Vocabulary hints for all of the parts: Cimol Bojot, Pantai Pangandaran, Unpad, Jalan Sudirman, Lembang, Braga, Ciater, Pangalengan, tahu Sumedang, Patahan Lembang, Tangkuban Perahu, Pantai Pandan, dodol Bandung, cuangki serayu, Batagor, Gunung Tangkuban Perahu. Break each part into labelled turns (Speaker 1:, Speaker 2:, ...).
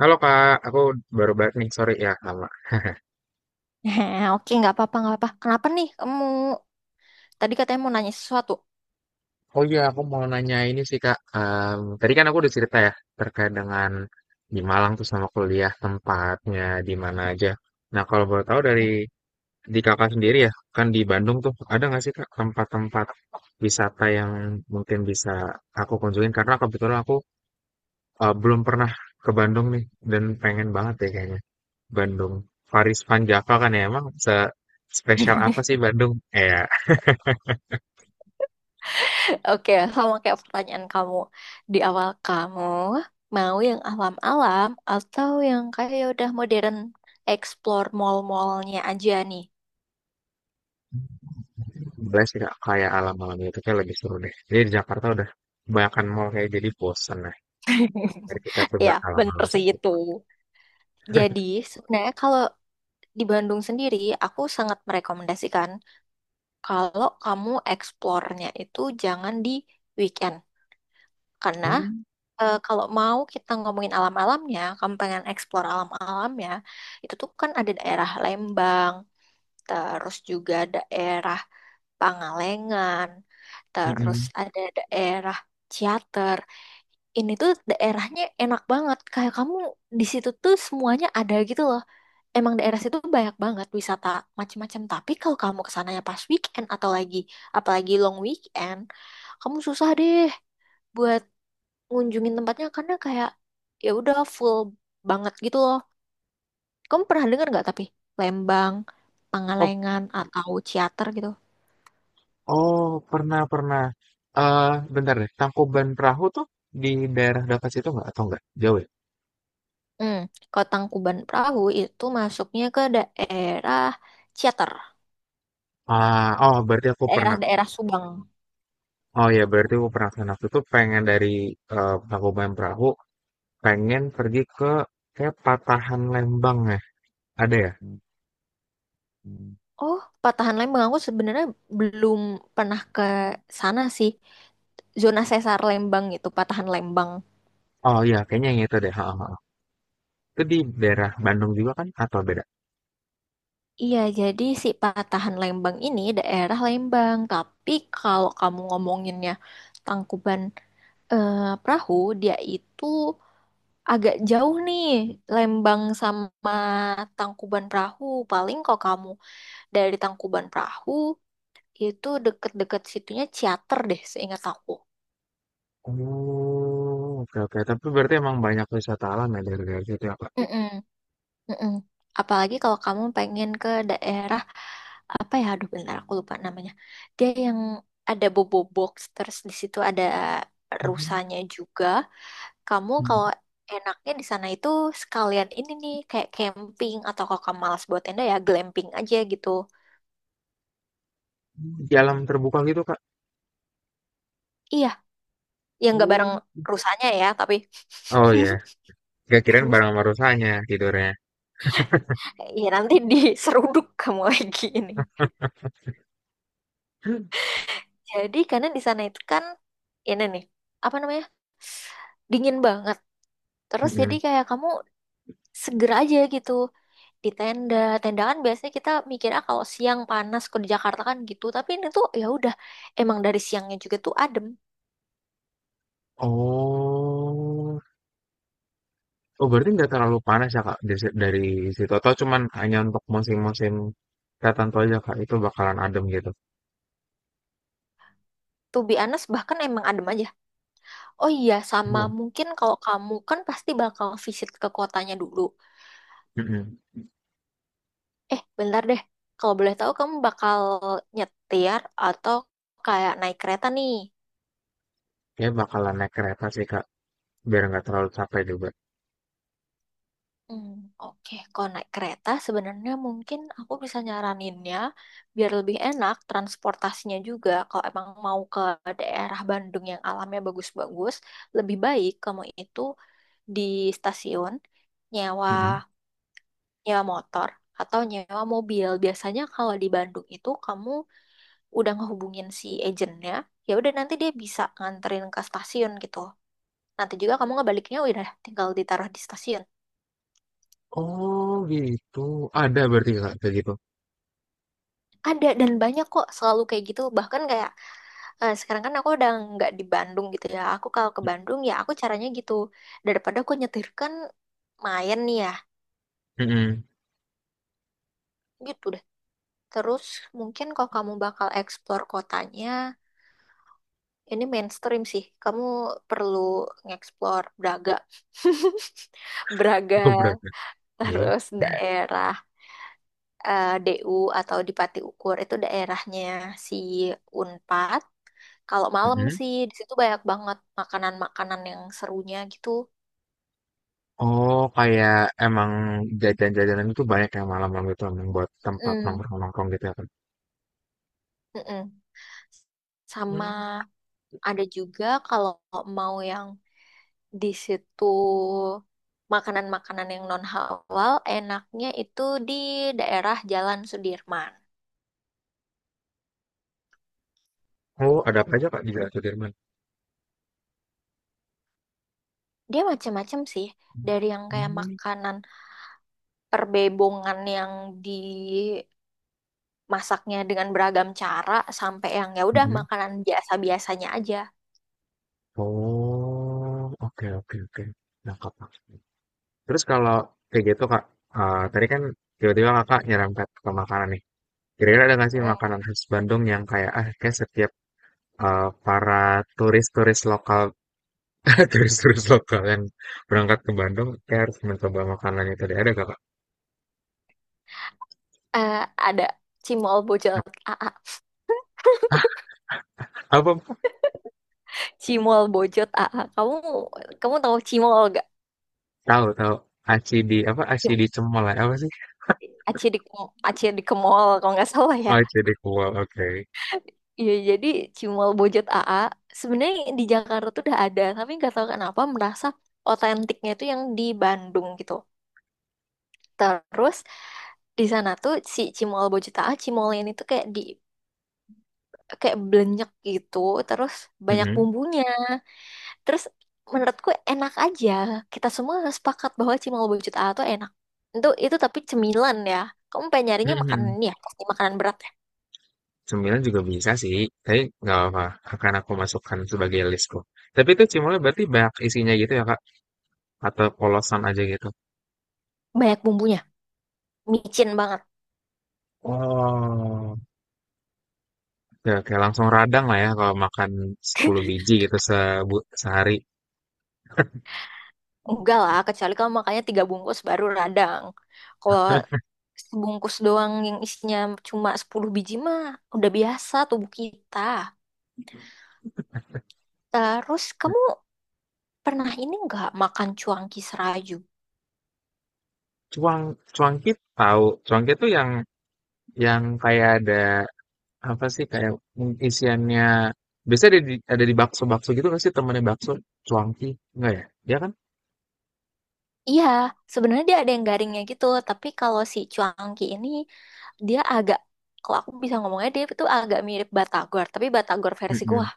Speaker 1: Halo Kak, aku baru balik nih, sorry ya lama.
Speaker 2: Heh, oke, nggak apa-apa, nggak apa-apa. Kenapa nih kamu tadi katanya mau nanya sesuatu?
Speaker 1: Oh iya, aku mau nanya ini sih Kak. Tadi kan aku udah cerita ya terkait dengan di Malang tuh sama kuliah tempatnya di mana aja. Nah kalau boleh tahu dari Kakak sendiri ya, kan di Bandung tuh ada nggak sih Kak tempat-tempat wisata yang mungkin bisa aku kunjungin? Karena kebetulan aku belum pernah ke Bandung nih dan pengen banget deh kayaknya. Bandung, Paris Van Java kan ya emang spesial apa sih Bandung? Eh, ya,
Speaker 2: Oke, sama kayak pertanyaan kamu di awal, kamu mau yang alam-alam atau yang kayak udah modern explore mall-mallnya aja nih?
Speaker 1: boleh sih Kak, kayak alam-alam itu kayak lebih seru deh. Jadi di Jakarta udah kebanyakan mall kayak jadi bosen lah. Mari kita coba
Speaker 2: Ya, bener
Speaker 1: alam-alam
Speaker 2: sih
Speaker 1: saja.
Speaker 2: itu. Jadi, sebenarnya kalau di Bandung sendiri, aku sangat merekomendasikan kalau kamu eksplornya itu jangan di weekend. Karena
Speaker 1: Hmm,
Speaker 2: kalau mau kita ngomongin alam-alamnya, kamu pengen explore alam-alamnya, itu tuh kan ada daerah Lembang, terus juga daerah Pangalengan, terus
Speaker 1: mm-mm.
Speaker 2: ada daerah Ciater. Ini tuh daerahnya enak banget. Kayak kamu di situ tuh semuanya ada gitu loh. Emang daerah situ banyak banget wisata macam-macam. Tapi kalau kamu kesananya pas weekend atau lagi apalagi long weekend, kamu susah deh buat ngunjungin tempatnya karena kayak ya udah full banget gitu loh. Kamu pernah dengar nggak tapi Lembang,
Speaker 1: Oh,
Speaker 2: Pangalengan atau Ciater gitu?
Speaker 1: oh, pernah pernah. Eh, bentar deh. Tangkuban Perahu tuh di daerah dekat situ nggak atau nggak jauh ya?
Speaker 2: Hmm, kalau Tangkuban Perahu itu masuknya ke daerah Ciater,
Speaker 1: Ah, oh berarti aku pernah.
Speaker 2: daerah-daerah Subang.
Speaker 1: Oh ya berarti aku pernah kesana waktu itu pengen dari Tangkuban Perahu pengen pergi ke kayak Patahan Lembang ya. Ada ya?
Speaker 2: Oh, patahan Lembang aku sebenarnya belum pernah ke sana sih. Zona sesar Lembang itu patahan Lembang.
Speaker 1: Oh iya kayaknya yang itu deh. Ha, ha, ha. Itu di daerah Bandung juga kan atau beda?
Speaker 2: Iya, jadi si patahan Lembang ini daerah Lembang. Tapi kalau kamu ngomonginnya Tangkuban perahu, dia itu agak jauh nih. Lembang sama Tangkuban Perahu, paling kalau kamu dari Tangkuban Perahu itu deket-deket situnya Ciater deh seingat aku.
Speaker 1: Oh, oke oke. Tapi berarti emang banyak wisata alam ya dari situ ya, Kak?
Speaker 2: Mm-mm. Mm-mm. Apalagi kalau kamu pengen ke daerah apa ya? Aduh, bentar aku lupa namanya. Dia yang ada bobo box terus di situ ada
Speaker 1: Mhm,
Speaker 2: rusanya juga. Kamu
Speaker 1: mhm.
Speaker 2: kalau enaknya di sana itu sekalian ini nih kayak camping atau kalau kamu malas buat tenda ya glamping aja gitu.
Speaker 1: Di alam terbuka gitu, Kak?
Speaker 2: Iya, yang nggak
Speaker 1: Oh.
Speaker 2: bareng rusanya ya, tapi
Speaker 1: Oh ya, nggak kirain bareng sama rusanya tidurnya.
Speaker 2: ya nanti diseruduk kamu lagi ini. Jadi karena di sana itu kan ini nih apa namanya dingin banget. Terus jadi
Speaker 1: Mhm.
Speaker 2: kayak kamu segera aja gitu di tenda. Tenda kan biasanya kita mikirnya kalau siang panas kalau di Jakarta kan gitu. Tapi ini tuh ya udah emang dari siangnya juga tuh adem.
Speaker 1: Oh. Oh, berarti nggak terlalu panas ya, Kak, di dari situ atau cuman hanya untuk musim-musim tertentu aja, Kak, itu bakalan adem gitu?
Speaker 2: To be honest bahkan emang adem aja. Oh iya sama
Speaker 1: Oh,
Speaker 2: mungkin kalau kamu kan pasti bakal visit ke kotanya dulu.
Speaker 1: mhm.
Speaker 2: Eh bentar deh. Kalau boleh tahu kamu bakal nyetir atau kayak naik kereta nih.
Speaker 1: Kayaknya bakalan naik kereta sih, Kak, biar nggak terlalu capek juga.
Speaker 2: Hmm, oke, kalau naik kereta sebenarnya mungkin aku bisa nyaraninnya biar lebih enak transportasinya juga. Kalau emang mau ke daerah Bandung yang alamnya bagus-bagus, lebih baik kamu itu di stasiun nyewa
Speaker 1: Mhm.
Speaker 2: nyewa motor atau nyewa mobil. Biasanya kalau di Bandung itu kamu udah ngehubungin si agennya, ya udah nanti dia bisa nganterin ke stasiun gitu. Nanti juga kamu ngebaliknya udah tinggal ditaruh di stasiun.
Speaker 1: Oh, gitu. Ada berarti, Kak, kayak gitu?
Speaker 2: Ada dan banyak kok selalu kayak gitu. Bahkan kayak sekarang kan aku udah nggak di Bandung gitu ya. Aku kalau ke Bandung ya aku caranya gitu. Daripada aku nyetir kan main nih ya.
Speaker 1: Mhm.
Speaker 2: Gitu deh. Terus mungkin kalau kamu bakal explore kotanya, ini mainstream sih. Kamu perlu nge-explore Braga. Braga,
Speaker 1: Geprek, oke.
Speaker 2: terus daerah DU atau di Pati Ukur itu daerahnya si Unpad. Kalau malam
Speaker 1: Mhm.
Speaker 2: sih di situ banyak banget makanan-makanan yang serunya gitu.
Speaker 1: Oh, kayak emang jajan-jajanan itu banyak yang malam-malam itu emang buat tempat
Speaker 2: Mm,
Speaker 1: nongkrong-nongkrong gitu ya, Kak?
Speaker 2: mm-mm.
Speaker 1: Hmm.
Speaker 2: Sama ada juga kalau mau yang di situ makanan-makanan yang non halal, enaknya itu di daerah Jalan Sudirman.
Speaker 1: Oh, ada apa aja, Kak, di Jalan Sudirman?
Speaker 2: Dia macam-macam sih, dari yang kayak
Speaker 1: Mhm.
Speaker 2: makanan perbebongan yang dimasaknya dengan beragam cara sampai yang ya udah
Speaker 1: Mhm.
Speaker 2: makanan biasa-biasanya aja.
Speaker 1: Oh, oke oke oke. Nangkap, nangkap. Terus kalau kayak gitu, Kak, tadi kan tiba-tiba Kakak nyerempet ke makanan nih. Kira-kira ada nggak sih makanan khas Bandung yang kayak, ah, kayak setiap, para turis-turis lokal turis-turis lokal bakalan berangkat ke Bandung, saya harus mencoba makanan itu deh. Ada nggak, Kak?
Speaker 2: Eh, ada Cimol Bojot
Speaker 1: Nah,
Speaker 2: a a
Speaker 1: apa,
Speaker 2: Cimol Bojot a a Kamu kamu tahu Cimol gak?
Speaker 1: tahu, tahu. Aci di apa? Aci di cemol ya? Apa sih?
Speaker 2: Aci di Aci di Kemol kalau nggak salah ya.
Speaker 1: Oh, aci di kuah. Oke.
Speaker 2: Iya jadi Cimol Bojot a a sebenarnya di Jakarta tuh udah ada tapi nggak tahu kenapa merasa otentiknya itu yang di Bandung gitu. Terus di sana tuh si Cimol Bojot a a Cimol ini tuh kayak di kayak belenyek gitu terus banyak
Speaker 1: Mhm.
Speaker 2: bumbunya. Terus menurutku enak aja. Kita semua sepakat bahwa cimol bucut A tuh enak. Itu tapi cemilan ya. Kamu pengen nyarinya makanan
Speaker 1: Mhm.
Speaker 2: ini ya, pasti makanan berat ya.
Speaker 1: Cemilan juga bisa sih, tapi nggak apa-apa. Akan aku masukkan sebagai listku. Tapi itu cemolnya berarti banyak isinya gitu ya, Kak? Atau polosan aja gitu?
Speaker 2: Banyak bumbunya, micin banget.
Speaker 1: Oh, ya kayak langsung radang lah ya kalau makan 10 biji gitu sehari.
Speaker 2: Enggak lah, kecuali kamu makannya tiga bungkus baru radang. Kalau sebungkus doang yang isinya cuma 10 biji mah udah biasa tubuh kita. Terus kamu pernah ini nggak makan cuangki serayu?
Speaker 1: Cuang cuangkit tahu. Cuangkit tuh yang kayak ada, apa sih, kayak, isiannya biasanya ada di bakso-bakso gitu nggak sih temennya bakso? Cuangki? Nggak ya? Dia kan?
Speaker 2: Iya, sebenarnya dia ada yang garingnya gitu, tapi kalau si cuangki ini dia agak kalau aku bisa ngomongnya dia itu agak mirip batagor, tapi batagor versi gua.
Speaker 1: Mhm.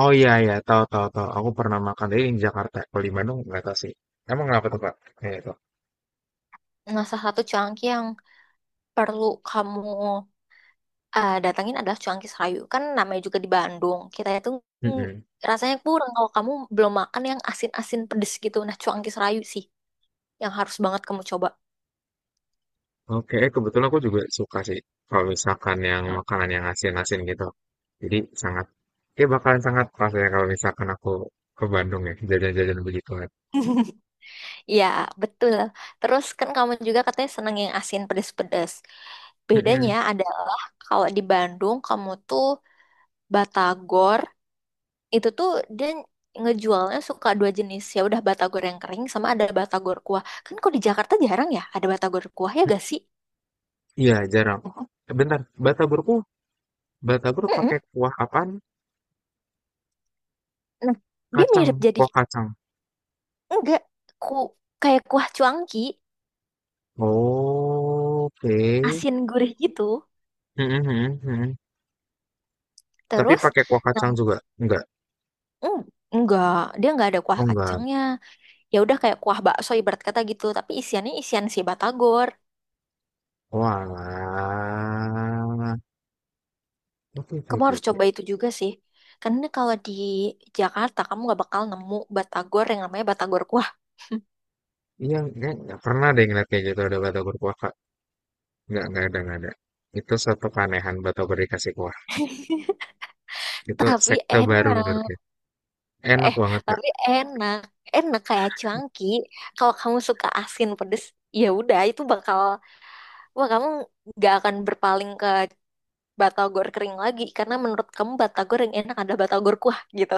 Speaker 1: Oh, iya iya, tahu tahu tahu, aku pernah makan tapi di Jakarta, kalau di Bandung nggak tahu sih. Emang kenapa tuh, Kak, kayak itu?
Speaker 2: Nah, salah satu cuangki yang perlu kamu datangin adalah cuangki serayu. Kan namanya juga di Bandung. Kita itu mm,
Speaker 1: Mhm.
Speaker 2: rasanya kurang kalau kamu belum makan yang asin-asin pedes gitu. Nah, cuangki serayu sih yang harus banget kamu coba.
Speaker 1: Oke, eh, kebetulan aku juga suka sih kalau misalkan yang makanan yang asin-asin gitu. Jadi sangat ya bakalan sangat pas ya kalau misalkan aku ke Bandung ya, jajan-jajan begituan.
Speaker 2: Iya, betul. Terus kan kamu juga katanya seneng yang asin pedes-pedes. Bedanya
Speaker 1: Mhm,
Speaker 2: adalah kalau di Bandung kamu tuh batagor itu tuh dia ngejualnya suka dua jenis, ya udah batagor yang kering sama ada batagor kuah. Kan kalau di Jakarta jarang ya ada batagor kuah ya
Speaker 1: mhm.
Speaker 2: gak sih?
Speaker 1: Iya, jarang. Oh, bentar, Bata Burung Batagor
Speaker 2: Mm-mm.
Speaker 1: pakai kuah apaan?
Speaker 2: Nah, dia
Speaker 1: Kacang,
Speaker 2: mirip jadi
Speaker 1: kuah kacang.
Speaker 2: enggak ku kayak kuah cuangki
Speaker 1: Oh, oke.
Speaker 2: asin gurih gitu.
Speaker 1: Mhm mhm mhm. Tapi
Speaker 2: Terus
Speaker 1: pakai kuah
Speaker 2: nah,
Speaker 1: kacang juga? Enggak?
Speaker 2: mm, enggak dia enggak ada
Speaker 1: Oh,
Speaker 2: kuah
Speaker 1: enggak.
Speaker 2: kacangnya. Ya udah kayak kuah bakso ibarat kata gitu tapi isiannya isian si batagor.
Speaker 1: Walah. Oke, oke,
Speaker 2: Kamu
Speaker 1: oke,
Speaker 2: harus
Speaker 1: oke.
Speaker 2: coba itu juga sih. Karena kalau di Jakarta kamu gak bakal nemu batagor yang namanya batagor kuah.
Speaker 1: Iya, enggak pernah deh ngeliat kayak gitu ada batagor kuah, Kak. Enggak ada, enggak ada. Itu suatu keanehan batagor dikasih kuah. Itu
Speaker 2: Tapi
Speaker 1: sekte baru menurut
Speaker 2: enak.
Speaker 1: gue. Enak
Speaker 2: Eh,
Speaker 1: banget,
Speaker 2: tapi enak. Enak kayak cuanki. Kalau kamu suka asin pedes, ya udah itu bakal wah kamu gak akan berpaling ke batagor kering lagi karena menurut kamu batagor yang enak ada batagor kuah gitu.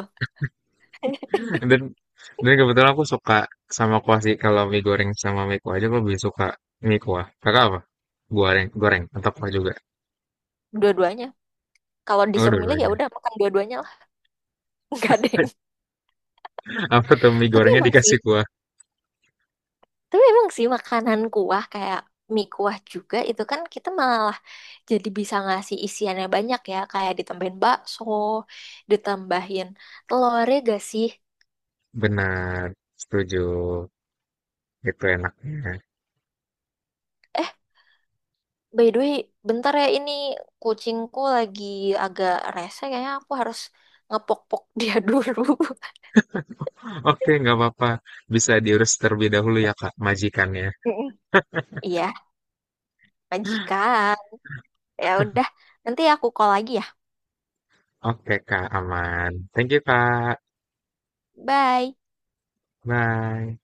Speaker 1: Dan dan kebetulan aku suka sama kuah sih. Kalau mie goreng sama mie kuah aja aku lebih suka mie kuah. Kakak apa? Goreng, goreng atau kuah juga?
Speaker 2: Dua-duanya. Kalau
Speaker 1: Oh,
Speaker 2: disuruh milih ya
Speaker 1: dua-duanya.
Speaker 2: udah makan dua-duanya lah. Enggak deh.
Speaker 1: Apa tuh mie
Speaker 2: Tapi
Speaker 1: gorengnya
Speaker 2: emang sih
Speaker 1: dikasih kuah?
Speaker 2: Tapi emang sih makanan kuah kayak mie kuah juga itu kan kita malah jadi bisa ngasih isiannya banyak ya. Kayak ditambahin bakso, ditambahin telur ya gak sih?
Speaker 1: Benar, setuju. Itu enaknya.
Speaker 2: Eh, by the way, bentar ya ini kucingku lagi agak rese kayaknya aku harus ngepok-pok dia dulu.
Speaker 1: Oke, nggak apa-apa. Bisa diurus terlebih dahulu ya, Kak, majikannya.
Speaker 2: Mm-mm. Iya, majikan. Ya udah, nanti aku call lagi ya.
Speaker 1: Oke, Kak, aman. Thank you, Kak.
Speaker 2: Bye.
Speaker 1: Bye.